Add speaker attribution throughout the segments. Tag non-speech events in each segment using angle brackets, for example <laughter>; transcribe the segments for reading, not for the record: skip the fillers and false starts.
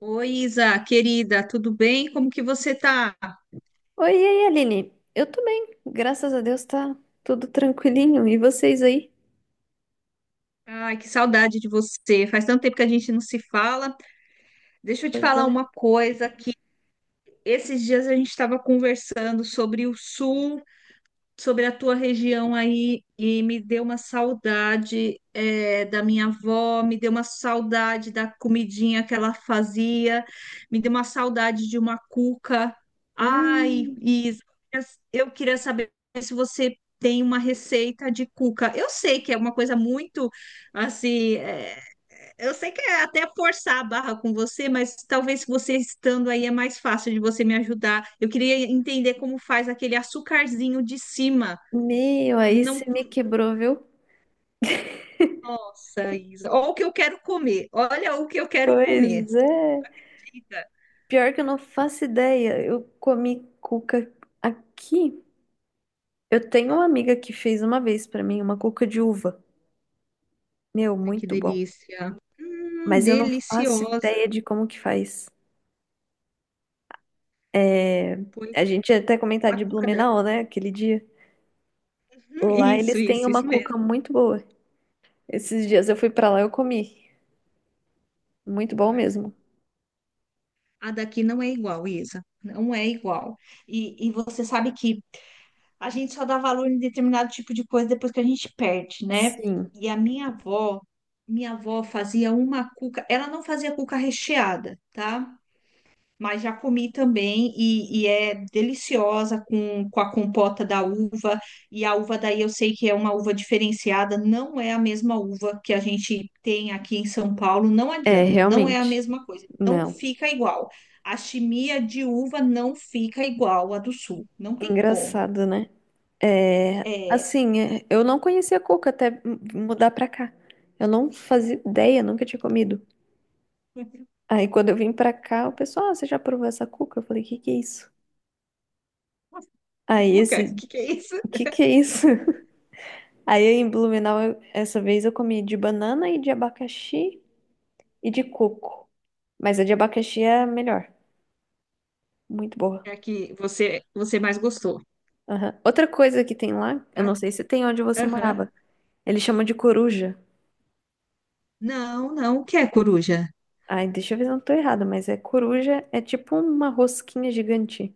Speaker 1: Oi, Isa, querida, tudo bem? Como que você tá?
Speaker 2: Oi, e aí, Aline? Eu tô bem, graças a Deus tá tudo tranquilinho. E vocês aí?
Speaker 1: Ai, que saudade de você. Faz tanto tempo que a gente não se fala. Deixa eu te
Speaker 2: Pois
Speaker 1: falar
Speaker 2: é.
Speaker 1: uma coisa que esses dias a gente estava conversando sobre o sul. Sobre a tua região aí e me deu uma saudade da minha avó, me deu uma saudade da comidinha que ela fazia, me deu uma saudade de uma cuca. Ai,
Speaker 2: Hum,
Speaker 1: Isa, eu queria saber se você tem uma receita de cuca. Eu sei que é uma coisa muito assim, eu sei que é até forçar a barra com você, mas talvez você estando aí é mais fácil de você me ajudar. Eu queria entender como faz aquele açucarzinho de cima.
Speaker 2: meu, aí
Speaker 1: Não
Speaker 2: você
Speaker 1: com...
Speaker 2: me quebrou, viu?
Speaker 1: Nossa, Isa. Olha o que eu quero comer. Olha o que eu quero comer.
Speaker 2: Pois
Speaker 1: Você
Speaker 2: é.
Speaker 1: acredita?
Speaker 2: Pior que eu não faço ideia. Eu comi cuca aqui. Eu tenho uma amiga que fez uma vez pra mim uma cuca de uva. Meu,
Speaker 1: Ai, que
Speaker 2: muito bom.
Speaker 1: delícia.
Speaker 2: Mas eu não faço
Speaker 1: Deliciosa.
Speaker 2: ideia de como que faz. É,
Speaker 1: Pois
Speaker 2: a
Speaker 1: é.
Speaker 2: gente ia até comentar
Speaker 1: A
Speaker 2: de
Speaker 1: cuca da...
Speaker 2: Blumenau, né? Aquele dia. Lá
Speaker 1: Isso,
Speaker 2: eles têm
Speaker 1: isso,
Speaker 2: uma
Speaker 1: isso mesmo.
Speaker 2: cuca muito boa. Esses dias eu fui pra lá e eu comi. Muito bom
Speaker 1: Ai,
Speaker 2: mesmo.
Speaker 1: a daqui não é igual, Isa. Não é igual. E você sabe que a gente só dá valor em determinado tipo de coisa depois que a gente perde, né?
Speaker 2: Sim,
Speaker 1: E a minha avó fazia uma cuca, ela não fazia cuca recheada, tá? Mas já comi também e é deliciosa com a compota da uva. E a uva daí eu sei que é uma uva diferenciada, não é a mesma uva que a gente tem aqui em São Paulo, não
Speaker 2: é,
Speaker 1: adianta, não é a
Speaker 2: realmente.
Speaker 1: mesma coisa, não
Speaker 2: Não.
Speaker 1: fica igual. A chimia de uva não fica igual à do sul, não tem como.
Speaker 2: Engraçado, né? É,
Speaker 1: É.
Speaker 2: assim, é, eu não conhecia cuca até mudar pra cá. Eu não fazia ideia, nunca tinha comido. Aí quando eu vim pra cá, o pessoal, ah, você já provou essa cuca? Eu falei, o que que é isso?
Speaker 1: <laughs>
Speaker 2: Aí
Speaker 1: Cuca, o
Speaker 2: esse,
Speaker 1: que que é isso?
Speaker 2: o que que é isso? <laughs> Aí em Blumenau, essa vez eu comi de banana e de abacaxi e de coco. Mas a de abacaxi é a melhor. Muito boa.
Speaker 1: É a que você mais gostou.
Speaker 2: Aham. Outra coisa que tem lá, eu não
Speaker 1: Pra-
Speaker 2: sei se tem onde você
Speaker 1: Aham.
Speaker 2: morava. Eles chamam de coruja.
Speaker 1: Não, não, o que é coruja?
Speaker 2: Ai, deixa eu ver se eu não tô errada, mas é coruja, é tipo uma rosquinha gigante.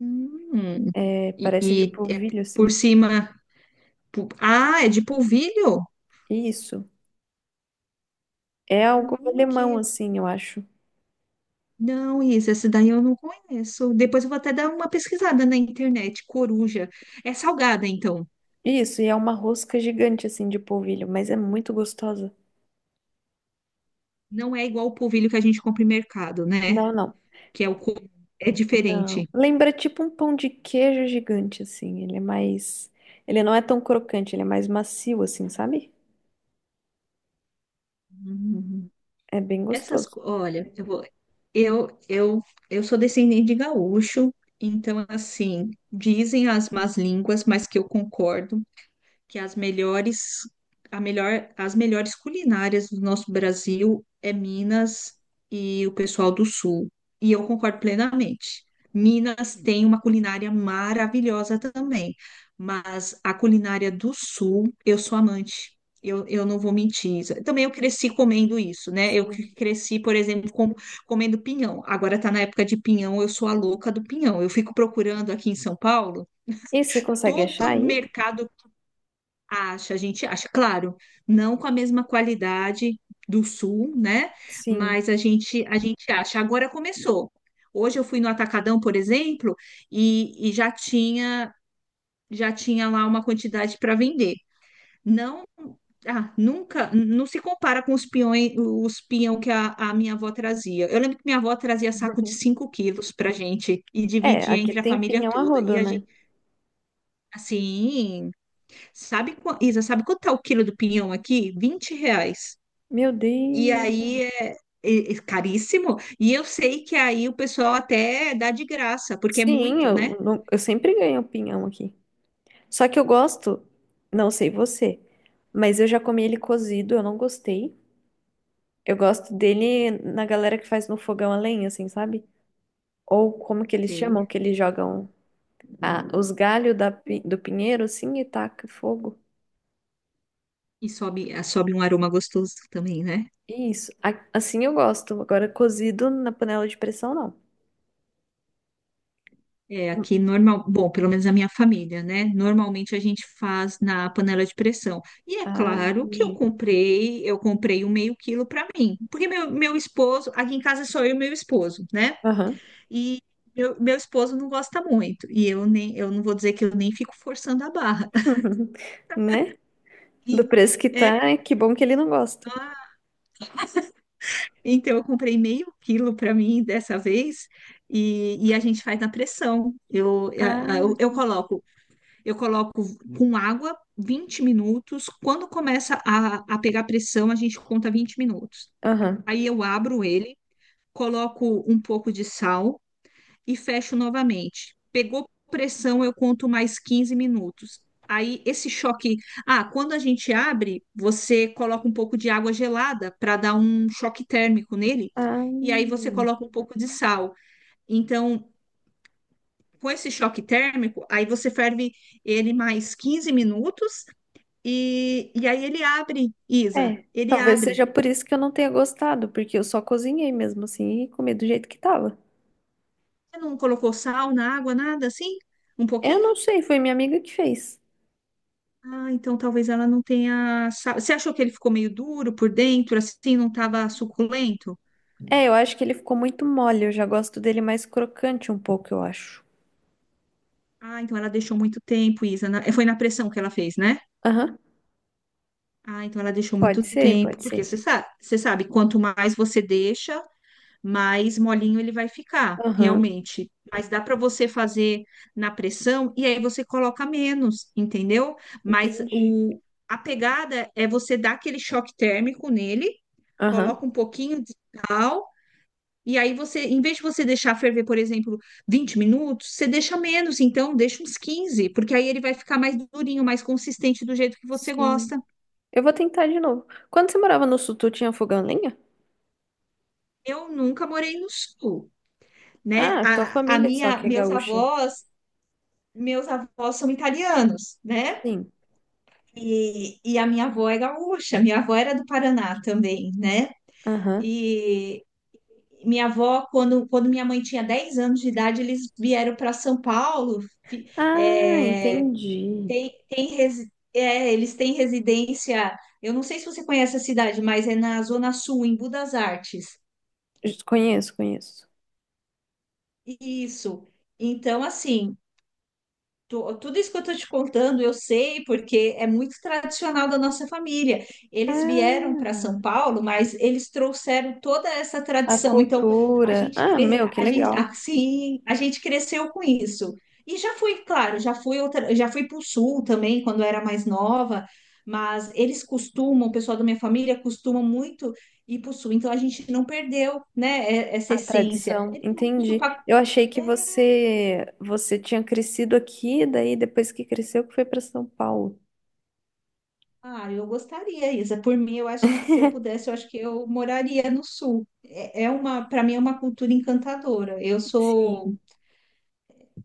Speaker 1: Hum,
Speaker 2: É,
Speaker 1: e,
Speaker 2: parece de
Speaker 1: e é
Speaker 2: polvilho,
Speaker 1: por
Speaker 2: assim.
Speaker 1: cima. Ah, é de polvilho?
Speaker 2: Isso. É algo
Speaker 1: Que.
Speaker 2: alemão, assim, eu acho.
Speaker 1: Não, Isa, essa daí eu não conheço. Depois eu vou até dar uma pesquisada na internet. Coruja. É salgada, então.
Speaker 2: Isso, e é uma rosca gigante, assim, de polvilho, mas é muito gostosa.
Speaker 1: Não é igual o polvilho que a gente compra em mercado, né?
Speaker 2: Não, não,
Speaker 1: Que é o. co- É
Speaker 2: não.
Speaker 1: diferente.
Speaker 2: Lembra tipo um pão de queijo gigante, assim. Ele é mais. Ele não é tão crocante, ele é mais macio, assim, sabe?
Speaker 1: Hum.
Speaker 2: É bem gostoso.
Speaker 1: Olha, eu vou, eu, eu, eu sou descendente de gaúcho, então assim, dizem as más línguas, mas que eu concordo que as melhores, a melhor, as melhores culinárias do nosso Brasil é Minas e o pessoal do Sul. E eu concordo plenamente. Minas tem uma culinária maravilhosa também, mas a culinária do Sul, eu sou amante. Eu não vou mentir, Isa. Também eu cresci comendo isso, né? Eu que
Speaker 2: Sim.
Speaker 1: cresci, por exemplo, comendo pinhão. Agora tá na época de pinhão, eu sou a louca do pinhão. Eu fico procurando aqui em São Paulo
Speaker 2: E você consegue achar
Speaker 1: todo
Speaker 2: aí?
Speaker 1: mercado. Acha, a gente acha, claro, não com a mesma qualidade do sul, né?
Speaker 2: Sim.
Speaker 1: Mas a gente acha. Agora começou. Hoje eu fui no Atacadão, por exemplo, e já tinha lá uma quantidade para vender. Não, ah, nunca, não se compara com os peões, os pião que a minha avó trazia. Eu lembro que minha avó trazia saco de
Speaker 2: Uhum.
Speaker 1: 5 quilos para gente e
Speaker 2: É,
Speaker 1: dividia
Speaker 2: aqui
Speaker 1: entre a
Speaker 2: tem
Speaker 1: família
Speaker 2: pinhão a
Speaker 1: toda. E
Speaker 2: rodo,
Speaker 1: a
Speaker 2: né?
Speaker 1: gente, assim, sabe, Isa, sabe quanto tá o quilo do pinhão aqui? 20 reais.
Speaker 2: Meu
Speaker 1: E
Speaker 2: Deus.
Speaker 1: aí é caríssimo. E eu sei que aí o pessoal até dá de graça, porque é
Speaker 2: Sim,
Speaker 1: muito, né?
Speaker 2: eu, eu sempre ganho pinhão aqui. Só que eu gosto, não sei você, mas eu já comi ele cozido, eu não gostei. Eu gosto dele na galera que faz no fogão a lenha, assim, sabe? Ou como que eles chamam,
Speaker 1: Sei.
Speaker 2: que eles jogam os galhos da do pinheiro, assim, e taca fogo.
Speaker 1: E sobe, ah, sobe um aroma gostoso também, né?
Speaker 2: Isso, assim eu gosto. Agora, cozido na panela de pressão, não.
Speaker 1: É,
Speaker 2: Hum,
Speaker 1: aqui normal, bom, pelo menos a minha família, né? Normalmente a gente faz na panela de pressão. E é
Speaker 2: ah,
Speaker 1: claro que eu
Speaker 2: entendi.
Speaker 1: comprei, eu comprei um meio quilo para mim, porque meu esposo, aqui em casa é só eu e meu esposo, né?
Speaker 2: Aham.
Speaker 1: E meu esposo não gosta muito. E eu nem, eu não vou dizer que eu nem fico forçando a barra. <laughs>
Speaker 2: <laughs> Né?
Speaker 1: E
Speaker 2: Do preço que
Speaker 1: é
Speaker 2: tá, é que bom que ele não gosta.
Speaker 1: claro. Então eu comprei meio quilo para mim dessa vez e a gente faz na pressão. Eu, a-
Speaker 2: Ah,
Speaker 1: eu, eu coloco com água 20 minutos. Quando começa a pegar pressão, a gente conta 20 minutos.
Speaker 2: aham,
Speaker 1: Aí eu abro ele, coloco um pouco de sal e fecho novamente. Pegou pressão, eu conto mais 15 minutos. Aí esse choque, ah, Quando a gente abre, você coloca um pouco de água gelada para dar um choque térmico nele,
Speaker 2: ah,
Speaker 1: e aí você coloca um pouco de sal. Então, com esse choque térmico, aí você ferve ele mais 15 minutos e aí ele abre, Isa,
Speaker 2: é.
Speaker 1: ele
Speaker 2: Talvez
Speaker 1: abre.
Speaker 2: seja por isso que eu não tenha gostado, porque eu só cozinhei mesmo assim e comi do jeito que tava.
Speaker 1: Você não colocou sal na água, nada assim? Um
Speaker 2: Eu não
Speaker 1: pouquinho?
Speaker 2: sei, foi minha amiga que fez.
Speaker 1: Ah, então talvez ela não tenha. Você achou que ele ficou meio duro por dentro, assim, não estava suculento?
Speaker 2: É, eu acho que ele ficou muito mole, eu já gosto dele mais crocante um pouco, eu acho.
Speaker 1: Ah, então ela deixou muito tempo, Isa. Foi na pressão que ela fez, né?
Speaker 2: Aham,
Speaker 1: Ah, então ela deixou muito
Speaker 2: pode ser,
Speaker 1: tempo,
Speaker 2: pode
Speaker 1: porque
Speaker 2: ser.
Speaker 1: você sabe, quanto mais você deixa, mais molinho ele vai ficar,
Speaker 2: Aham,
Speaker 1: realmente. Mas dá para você fazer na pressão e aí você coloca menos, entendeu? Mas
Speaker 2: entendi.
Speaker 1: o, a pegada é você dar aquele choque térmico nele,
Speaker 2: Aham,
Speaker 1: coloca um pouquinho de sal. E aí você, em vez de você deixar ferver, por exemplo, 20 minutos, você deixa menos, então deixa uns 15 porque aí ele vai ficar mais durinho, mais consistente do jeito que você gosta.
Speaker 2: sim. Eu vou tentar de novo. Quando você morava no sul, tu tinha fogão a lenha?
Speaker 1: Eu nunca morei no sul, né?
Speaker 2: Ah, tua família só que é gaúcha.
Speaker 1: Meus avós são italianos, né?
Speaker 2: Sim.
Speaker 1: E a minha avó é gaúcha, minha avó era do Paraná também, né?
Speaker 2: Aham.
Speaker 1: E minha avó, quando minha mãe tinha 10 anos de idade, eles vieram para São Paulo, fi-
Speaker 2: Ah,
Speaker 1: eh,
Speaker 2: entendi.
Speaker 1: Eles têm residência. Eu não sei se você conhece a cidade, mas é na Zona Sul, em Budas Artes.
Speaker 2: Conheço, conheço.
Speaker 1: Isso. Então, assim, tudo isso que eu estou te contando, eu sei, porque é muito tradicional da nossa família. Eles vieram para São
Speaker 2: Ah,
Speaker 1: Paulo, mas eles trouxeram toda essa
Speaker 2: a
Speaker 1: tradição. Então, a
Speaker 2: cultura.
Speaker 1: gente,
Speaker 2: Ah,
Speaker 1: cre...
Speaker 2: meu, que
Speaker 1: a gente,
Speaker 2: legal.
Speaker 1: assim, a gente cresceu com isso. E já fui, claro, já fui para o sul também, quando eu era mais nova, mas eles costumam, o pessoal da minha família costuma muito ir para o sul. Então, a gente não perdeu, né, essa
Speaker 2: A
Speaker 1: essência.
Speaker 2: tradição,
Speaker 1: Eles vão para o sul.
Speaker 2: entendi. Eu achei que você tinha crescido aqui, daí depois que cresceu que foi para São Paulo.
Speaker 1: Ah, eu gostaria, Isa. Por mim, eu acho que se eu pudesse, eu acho que eu moraria no sul. Para mim é uma cultura encantadora.
Speaker 2: Sim.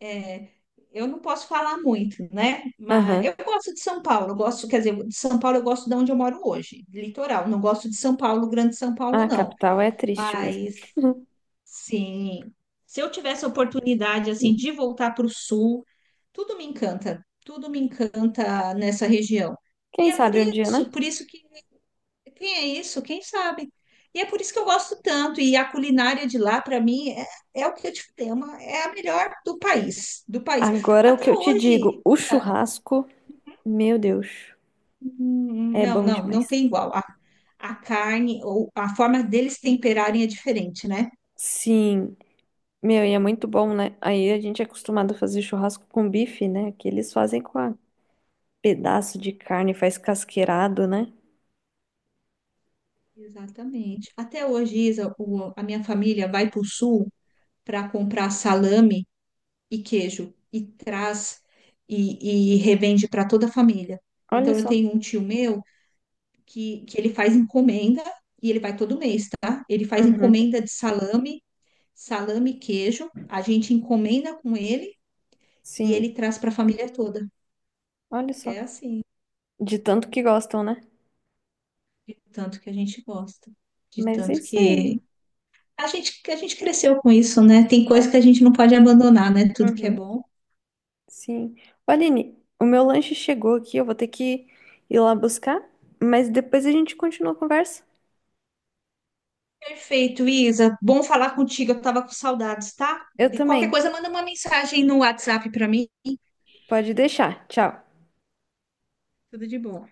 Speaker 1: é, eu não posso falar muito, né? Mas
Speaker 2: Aham.
Speaker 1: eu gosto de São Paulo. Eu gosto, quer dizer, de São Paulo eu gosto de onde eu moro hoje, litoral. Não gosto de São Paulo, Grande São
Speaker 2: Ah,
Speaker 1: Paulo,
Speaker 2: a
Speaker 1: não.
Speaker 2: capital é triste mesmo.
Speaker 1: Mas
Speaker 2: <laughs>
Speaker 1: sim, se eu tivesse a oportunidade assim de voltar para o sul, tudo me encanta nessa região. E
Speaker 2: Quem
Speaker 1: é
Speaker 2: sabe um dia, né?
Speaker 1: por isso que quem é isso? Quem sabe? E é por isso que eu gosto tanto. E a culinária de lá, para mim, é o que eu te falei, é a melhor do país, do país.
Speaker 2: Agora o que
Speaker 1: Até
Speaker 2: eu te digo,
Speaker 1: hoje,
Speaker 2: o churrasco, meu Deus, é
Speaker 1: não,
Speaker 2: bom
Speaker 1: não, não
Speaker 2: demais.
Speaker 1: tem igual. A carne ou a forma deles temperarem é diferente, né?
Speaker 2: Sim, meu, e é muito bom, né? Aí a gente é acostumado a fazer churrasco com bife, né? Que eles fazem com a pedaço de carne, faz casqueirado, né?
Speaker 1: Exatamente. Até hoje, Isa, a minha família vai para o sul para comprar salame e queijo e traz e revende para toda a família.
Speaker 2: Olha
Speaker 1: Então, eu
Speaker 2: só.
Speaker 1: tenho um tio meu que ele faz encomenda e ele vai todo mês, tá? Ele faz
Speaker 2: Uhum.
Speaker 1: encomenda de salame, salame e queijo. A gente encomenda com ele e
Speaker 2: Sim,
Speaker 1: ele traz para a família toda.
Speaker 2: olha só.
Speaker 1: É assim,
Speaker 2: De tanto que gostam, né?
Speaker 1: de tanto que a gente gosta, de
Speaker 2: Mas é
Speaker 1: tanto
Speaker 2: isso aí.
Speaker 1: que a gente cresceu com isso, né? Tem coisa que a
Speaker 2: É.
Speaker 1: gente não pode abandonar, né? Tudo que é
Speaker 2: Uhum.
Speaker 1: bom.
Speaker 2: Sim. Ô, Aline, o meu lanche chegou aqui, eu vou ter que ir lá buscar, mas depois a gente continua a conversa.
Speaker 1: Perfeito, Isa. Bom falar contigo. Eu tava com saudades, tá?
Speaker 2: Eu
Speaker 1: De qualquer
Speaker 2: também.
Speaker 1: coisa, manda uma mensagem no WhatsApp para mim.
Speaker 2: Pode deixar. Tchau.
Speaker 1: Tudo de bom.